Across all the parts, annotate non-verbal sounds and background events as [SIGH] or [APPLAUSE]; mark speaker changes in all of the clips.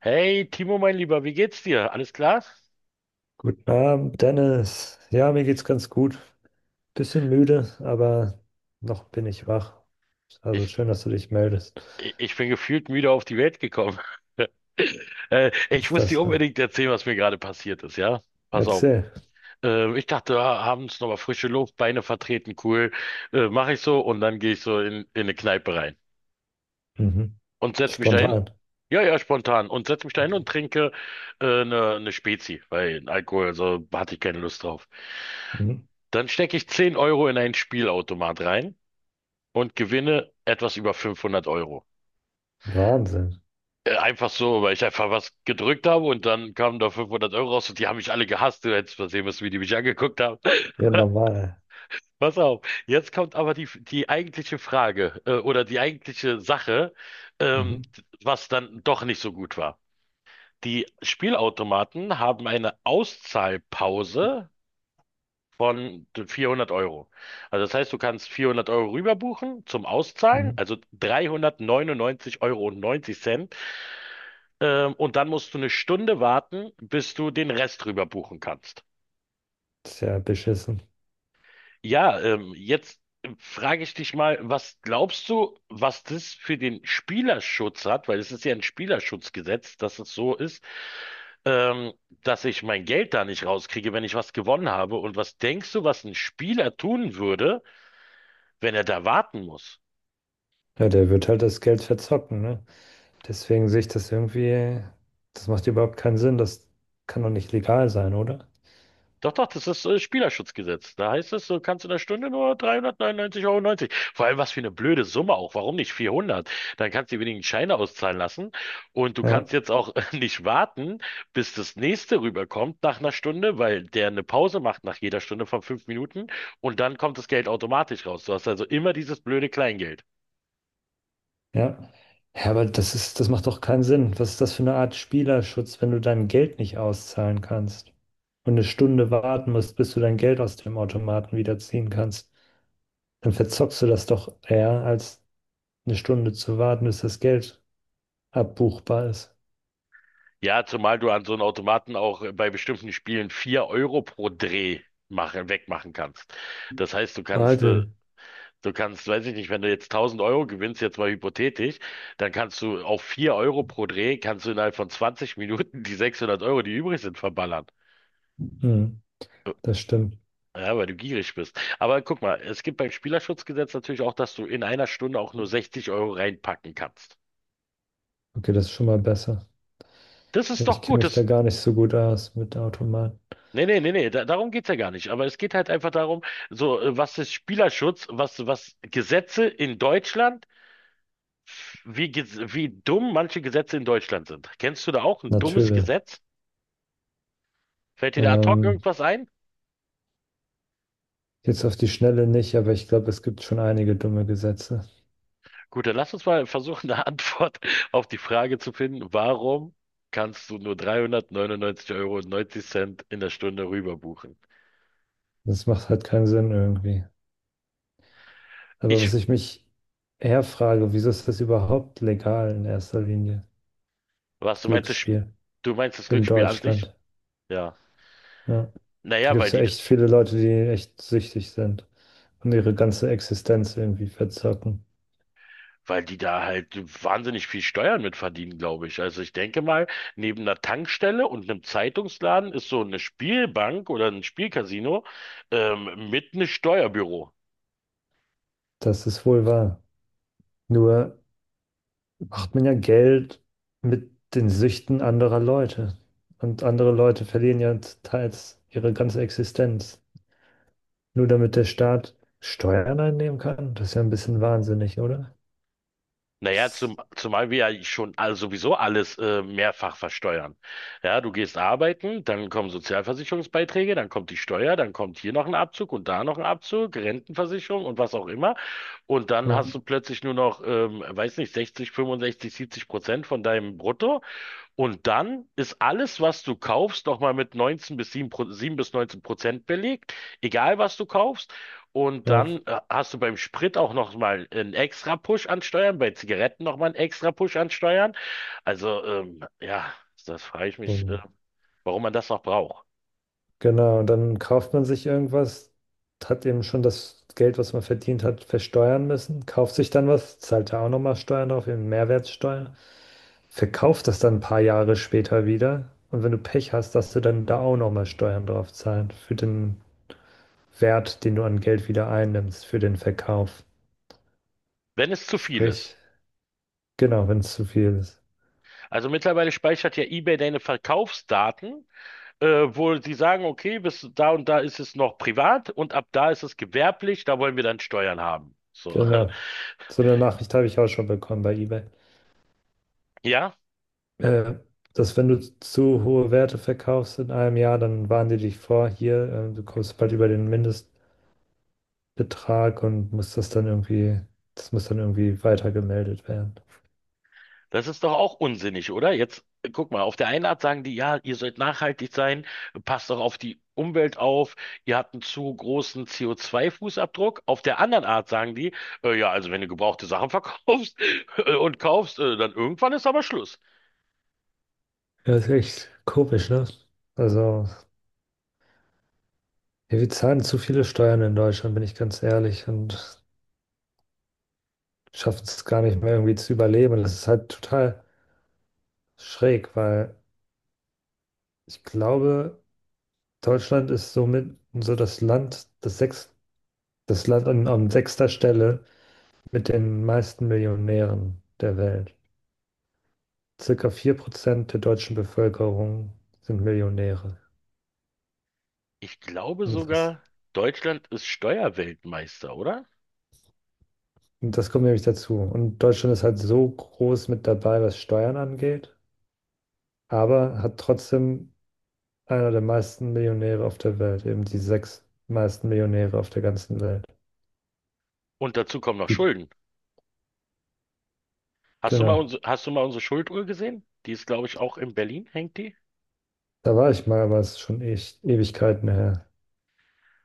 Speaker 1: Hey Timo, mein Lieber, wie geht's dir? Alles klar?
Speaker 2: Guten Abend, Dennis. Ja, mir geht's ganz gut. Bisschen müde, aber noch bin ich wach. Also
Speaker 1: Ich,
Speaker 2: schön, dass du dich meldest.
Speaker 1: ich bin gefühlt müde auf die Welt gekommen. [LAUGHS] Ich
Speaker 2: Ist
Speaker 1: muss
Speaker 2: das
Speaker 1: dir
Speaker 2: so?
Speaker 1: unbedingt erzählen, was mir gerade passiert ist, ja? Pass auf.
Speaker 2: Erzähl.
Speaker 1: Ich dachte, abends nochmal frische Luft, Beine vertreten, cool. Mache ich so, und dann gehe ich so in eine Kneipe rein
Speaker 2: Mhm.
Speaker 1: und setz mich dahin.
Speaker 2: Spontan.
Speaker 1: Ja, ja, spontan. Und setz mich dahin und trinke eine Spezi, weil Alkohol, also hatte ich keine Lust drauf.
Speaker 2: Mhm.
Speaker 1: Dann stecke ich 10 € in einen Spielautomat rein und gewinne etwas über 500 Euro.
Speaker 2: Wahnsinn.
Speaker 1: Einfach so, weil ich einfach was gedrückt habe, und dann kamen da 500 € raus, und die haben mich alle gehasst. Du hättest mal sehen müssen, wie die mich angeguckt haben.
Speaker 2: Ja,
Speaker 1: [LAUGHS]
Speaker 2: normal.
Speaker 1: Pass auf, jetzt kommt aber die eigentliche Frage, oder die eigentliche Sache, ähm,
Speaker 2: Mhm.
Speaker 1: was dann doch nicht so gut war. Die Spielautomaten haben eine Auszahlpause von 400 Euro. Also das heißt, du kannst 400 € rüberbuchen zum Auszahlen,
Speaker 2: Mhm.
Speaker 1: also 399,90 € neunzig. Und dann musst du eine Stunde warten, bis du den Rest rüber buchen kannst.
Speaker 2: Ist ja beschissen.
Speaker 1: Ja, jetzt frage ich dich mal, was glaubst du, was das für den Spielerschutz hat? Weil es ist ja ein Spielerschutzgesetz, dass es so ist, ähm, dass ich mein Geld da nicht rauskriege, wenn ich was gewonnen habe. Und was denkst du, was ein Spieler tun würde, wenn er da warten muss?
Speaker 2: Ja, der wird halt das Geld verzocken, ne? Deswegen sehe ich das irgendwie, das macht überhaupt keinen Sinn. Das kann doch nicht legal sein, oder?
Speaker 1: Doch, doch, das ist Spielerschutzgesetz. Da heißt es, du kannst in der Stunde nur 399,90 Euro neunzig. Vor allem, was für eine blöde Summe auch. Warum nicht 400? Dann kannst du die wenigen Scheine auszahlen lassen. Und du
Speaker 2: Ja.
Speaker 1: kannst jetzt auch [LAUGHS] nicht warten, bis das nächste rüberkommt nach einer Stunde, weil der eine Pause macht nach jeder Stunde von 5 Minuten. Und dann kommt das Geld automatisch raus. Du hast also immer dieses blöde Kleingeld.
Speaker 2: Ja. Ja, aber das macht doch keinen Sinn. Was ist das für eine Art Spielerschutz, wenn du dein Geld nicht auszahlen kannst und eine Stunde warten musst, bis du dein Geld aus dem Automaten wieder ziehen kannst? Dann verzockst du das doch eher, als eine Stunde zu warten, bis das Geld abbuchbar ist.
Speaker 1: Ja, zumal du an so einem Automaten auch bei bestimmten Spielen 4 € pro Dreh wegmachen kannst. Das heißt, du kannst äh,
Speaker 2: Warte.
Speaker 1: Du kannst, weiß ich nicht, wenn du jetzt 1000 € gewinnst, jetzt mal hypothetisch, dann kannst du auf 4 € pro Dreh, kannst du innerhalb von 20 Minuten die 600 Euro, die übrig sind, verballern.
Speaker 2: Hm, das stimmt.
Speaker 1: Ja, weil du gierig bist. Aber guck mal, es gibt beim Spielerschutzgesetz natürlich auch, dass du in einer Stunde auch nur 60 € reinpacken kannst.
Speaker 2: Okay, das ist schon mal besser.
Speaker 1: Das
Speaker 2: Ja,
Speaker 1: ist
Speaker 2: ich
Speaker 1: doch
Speaker 2: kenne
Speaker 1: gut.
Speaker 2: mich da
Speaker 1: Das,
Speaker 2: gar nicht so gut aus mit Automaten.
Speaker 1: nee, nee, nee, nee, darum geht's ja gar nicht. Aber es geht halt einfach darum, so, was ist Spielerschutz, was Gesetze in Deutschland, wie dumm manche Gesetze in Deutschland sind. Kennst du da auch ein dummes
Speaker 2: Natürlich.
Speaker 1: Gesetz? Fällt dir da ad hoc
Speaker 2: Ähm,
Speaker 1: irgendwas ein?
Speaker 2: jetzt auf die Schnelle nicht, aber ich glaube, es gibt schon einige dumme Gesetze.
Speaker 1: Gut, dann lass uns mal versuchen, eine [LAUGHS] Antwort auf die Frage zu finden, warum kannst du nur 399,90 € neunzig Cent in der Stunde rüber buchen?
Speaker 2: Das macht halt keinen Sinn irgendwie. Aber was
Speaker 1: Ich,
Speaker 2: ich mich eher frage, wieso ist das überhaupt legal in erster Linie?
Speaker 1: was, du meinst das, Sp-
Speaker 2: Glücksspiel
Speaker 1: du meinst das
Speaker 2: in
Speaker 1: Glücksspiel an sich?
Speaker 2: Deutschland.
Speaker 1: Ja.
Speaker 2: Ja. Da
Speaker 1: Naja,
Speaker 2: gibt es ja echt viele Leute, die echt süchtig sind und ihre ganze Existenz irgendwie verzocken.
Speaker 1: weil die da halt wahnsinnig viel Steuern mit verdienen, glaube ich. Also ich denke mal, neben einer Tankstelle und einem Zeitungsladen ist so eine Spielbank oder ein Spielcasino, mit einem Steuerbüro.
Speaker 2: Das ist wohl wahr. Nur macht man ja Geld mit den Süchten anderer Leute. Und andere Leute verlieren ja teils ihre ganze Existenz. Nur damit der Staat Steuern einnehmen kann. Das ist ja ein bisschen wahnsinnig, oder?
Speaker 1: Naja, zumal wir ja schon sowieso alles mehrfach versteuern. Ja, du gehst arbeiten, dann kommen Sozialversicherungsbeiträge, dann kommt die Steuer, dann kommt hier noch ein Abzug und da noch ein Abzug, Rentenversicherung und was auch immer. Und dann
Speaker 2: Ja,
Speaker 1: hast du plötzlich nur noch, weiß nicht, 60, 65, 70% von deinem Brutto, und dann ist alles, was du kaufst, nochmal mit 19 bis 7, 7 bis 19% belegt, egal was du kaufst. Und
Speaker 2: ja.
Speaker 1: dann hast du beim Sprit auch nochmal einen extra Push an Steuern, bei Zigaretten nochmal einen extra Push an Steuern. Also, ja, das frage ich
Speaker 2: So,
Speaker 1: mich, warum man das noch braucht.
Speaker 2: genau, und dann kauft man sich irgendwas, hat eben schon das Geld, was man verdient hat, versteuern müssen, kauft sich dann was, zahlt da auch nochmal Steuern drauf, eben Mehrwertsteuer, verkauft das dann ein paar Jahre später wieder und wenn du Pech hast, darfst du dann da auch nochmal Steuern drauf zahlen für den Wert, den du an Geld wieder einnimmst, für den Verkauf.
Speaker 1: Wenn es zu viel
Speaker 2: Sprich,
Speaker 1: ist.
Speaker 2: genau, wenn es zu viel ist.
Speaker 1: Also mittlerweile speichert ja eBay deine Verkaufsdaten, äh, wo sie sagen, okay, bis da und da ist es noch privat und ab da ist es gewerblich, da wollen wir dann Steuern haben. So. [LAUGHS]
Speaker 2: Genau. So eine Nachricht habe ich auch schon bekommen bei eBay.
Speaker 1: Ja,
Speaker 2: äh, Dass wenn du zu hohe Werte verkaufst in einem Jahr, dann warnen die dich vor, hier, du kommst bald über den Mindestbetrag und musst das dann irgendwie, das muss dann irgendwie weitergemeldet werden.
Speaker 1: das ist doch auch unsinnig, oder? Jetzt guck mal, auf der einen Art sagen die, ja, ihr sollt nachhaltig sein, passt doch auf die Umwelt auf, ihr habt einen zu großen CO2-Fußabdruck. Auf der anderen Art sagen die, ja, also wenn du gebrauchte Sachen [LAUGHS] verkaufst und kaufst, dann irgendwann ist aber Schluss.
Speaker 2: Ja, ist echt komisch, ne? Also, ja, wir zahlen zu viele Steuern in Deutschland, bin ich ganz ehrlich, und schaffen es gar nicht mehr irgendwie zu überleben. Und das ist halt total schräg, weil ich glaube, Deutschland ist somit so das Land an sechster Stelle mit den meisten Millionären der Welt. Circa 4% der deutschen Bevölkerung sind Millionäre.
Speaker 1: Ich glaube
Speaker 2: Und das,
Speaker 1: sogar, Deutschland ist Steuerweltmeister, oder?
Speaker 2: und das kommt nämlich dazu. Und Deutschland ist halt so groß mit dabei, was Steuern angeht, aber hat trotzdem einer der meisten Millionäre auf der Welt, eben die sechs meisten Millionäre auf der ganzen Welt.
Speaker 1: Und dazu kommen noch
Speaker 2: Die,
Speaker 1: Schulden.
Speaker 2: genau.
Speaker 1: Hast du mal unsere Schulduhr gesehen? Die ist, glaube ich, auch in Berlin, hängt die?
Speaker 2: Da war ich mal, aber es ist schon echt Ewigkeiten her.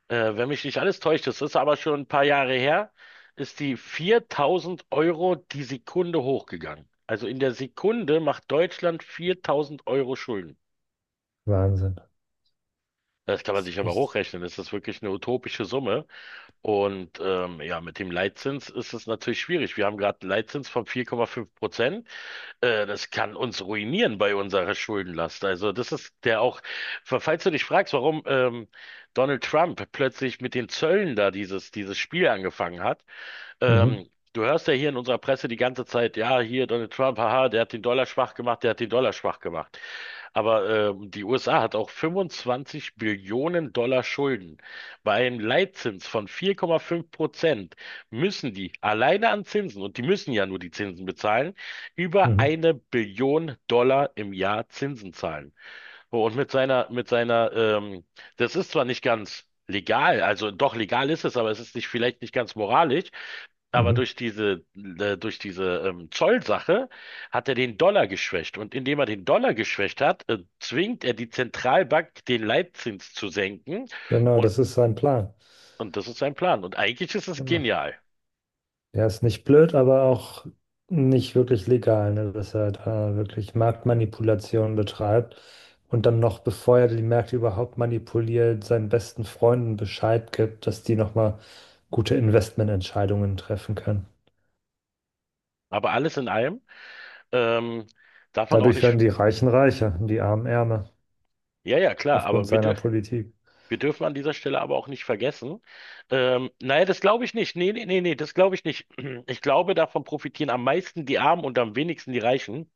Speaker 1: Wenn mich nicht alles täuscht, das ist aber schon ein paar Jahre her, ist die 4000 € die Sekunde hochgegangen. Also in der Sekunde macht Deutschland 4000 € Schulden.
Speaker 2: Wahnsinn.
Speaker 1: Das kann man
Speaker 2: Das ist
Speaker 1: sich aber
Speaker 2: echt.
Speaker 1: hochrechnen. Das ist wirklich eine utopische Summe. Und ja, mit dem Leitzins ist es natürlich schwierig. Wir haben gerade einen Leitzins von 4,5%. Das kann uns ruinieren bei unserer Schuldenlast. Also das ist der auch, falls du dich fragst, warum Donald Trump plötzlich mit den Zöllen da dieses Spiel angefangen hat,
Speaker 2: Mhm,
Speaker 1: ähm, du hörst ja hier in unserer Presse die ganze Zeit, ja, hier Donald Trump, haha, der hat den Dollar schwach gemacht, der hat den Dollar schwach gemacht. Aber die USA hat auch 25 Billionen Dollar Schulden. Bei einem Leitzins von 4,5% müssen die alleine an Zinsen, und die müssen ja nur die Zinsen bezahlen, über
Speaker 2: mhm,
Speaker 1: eine Billion Dollar im Jahr Zinsen zahlen. Oh. Und das ist zwar nicht ganz legal, also doch legal ist es, aber es ist nicht, vielleicht nicht ganz moralisch, aber
Speaker 2: mhm.
Speaker 1: durch diese, Zollsache hat er den Dollar geschwächt. Und indem er den Dollar geschwächt hat, zwingt er die Zentralbank, den Leitzins zu senken.
Speaker 2: Genau,
Speaker 1: Und,
Speaker 2: das ist sein Plan.
Speaker 1: und das ist sein Plan. Und eigentlich ist es
Speaker 2: Genau.
Speaker 1: genial.
Speaker 2: Der ist nicht blöd, aber auch nicht wirklich legal, ne? Dass er da wirklich Marktmanipulation betreibt und dann noch, bevor er die Märkte überhaupt manipuliert, seinen besten Freunden Bescheid gibt, dass die nochmal gute Investmententscheidungen treffen können.
Speaker 1: Aber alles in allem, ähm, darf man auch
Speaker 2: Dadurch
Speaker 1: nicht.
Speaker 2: werden die Reichen reicher und die Armen ärmer
Speaker 1: Ja, ja, klar,
Speaker 2: aufgrund
Speaker 1: aber wir
Speaker 2: seiner
Speaker 1: dürfen.
Speaker 2: Politik.
Speaker 1: Wir dürfen an dieser Stelle aber auch nicht vergessen. Naja, das glaube ich nicht. Nee, nee, nee, nee, das glaube ich nicht. [CLEARS THROAT] Ich glaube, davon profitieren am meisten die Armen und am wenigsten die Reichen.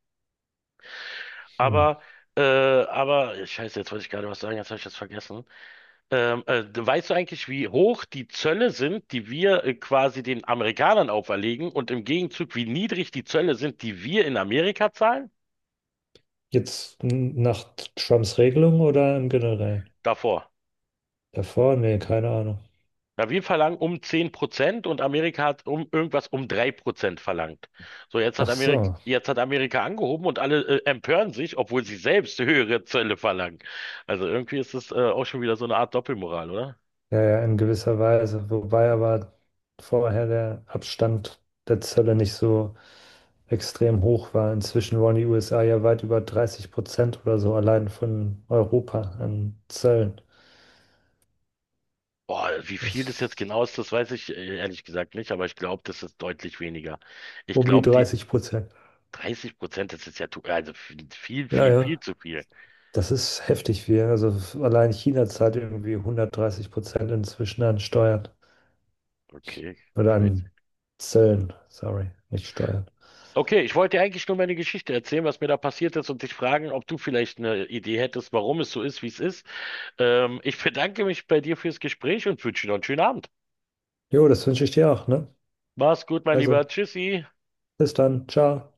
Speaker 2: Hm.
Speaker 1: Aber, aber, scheiße, jetzt wollte ich gerade was sagen, jetzt habe ich das vergessen. Weißt du eigentlich, wie hoch die Zölle sind, die wir quasi den Amerikanern auferlegen, und im Gegenzug, wie niedrig die Zölle sind, die wir in Amerika zahlen?
Speaker 2: Jetzt nach Trumps Regelung oder im Generellen?
Speaker 1: Davor.
Speaker 2: Davor? Nee, keine Ahnung.
Speaker 1: Ja, wir verlangen um 10%, und Amerika hat um irgendwas um 3% verlangt. So, jetzt hat
Speaker 2: Ach
Speaker 1: Amerika,
Speaker 2: so.
Speaker 1: angehoben und alle empören sich, obwohl sie selbst höhere Zölle verlangen. Also irgendwie ist es auch schon wieder so eine Art Doppelmoral, oder?
Speaker 2: Ja, ja, in gewisser Weise. Wobei aber vorher der Abstand der Zölle nicht so extrem hoch war. Inzwischen wollen die USA ja weit über 30% oder so allein von Europa an Zöllen.
Speaker 1: Boah, wie
Speaker 2: Das
Speaker 1: viel das jetzt
Speaker 2: ist
Speaker 1: genau ist, das weiß ich ehrlich gesagt nicht, aber ich glaube, das ist deutlich weniger. Ich
Speaker 2: um die
Speaker 1: glaube, die
Speaker 2: 30%.
Speaker 1: 30%, das ist ja, also viel,
Speaker 2: Ja,
Speaker 1: viel, viel
Speaker 2: ja.
Speaker 1: zu viel.
Speaker 2: Das ist heftig, wie. Also allein China zahlt irgendwie 130% inzwischen an Steuern.
Speaker 1: Okay,
Speaker 2: Oder
Speaker 1: crazy.
Speaker 2: an Zöllen, sorry, nicht Steuern.
Speaker 1: Okay, ich wollte dir eigentlich nur meine Geschichte erzählen, was mir da passiert ist, und dich fragen, ob du vielleicht eine Idee hättest, warum es so ist, wie es ist. Ich bedanke mich bei dir fürs Gespräch und wünsche dir noch einen schönen Abend.
Speaker 2: Jo, das wünsche ich dir auch, ne?
Speaker 1: Mach's gut, mein Lieber.
Speaker 2: Also,
Speaker 1: Tschüssi.
Speaker 2: bis dann. Ciao.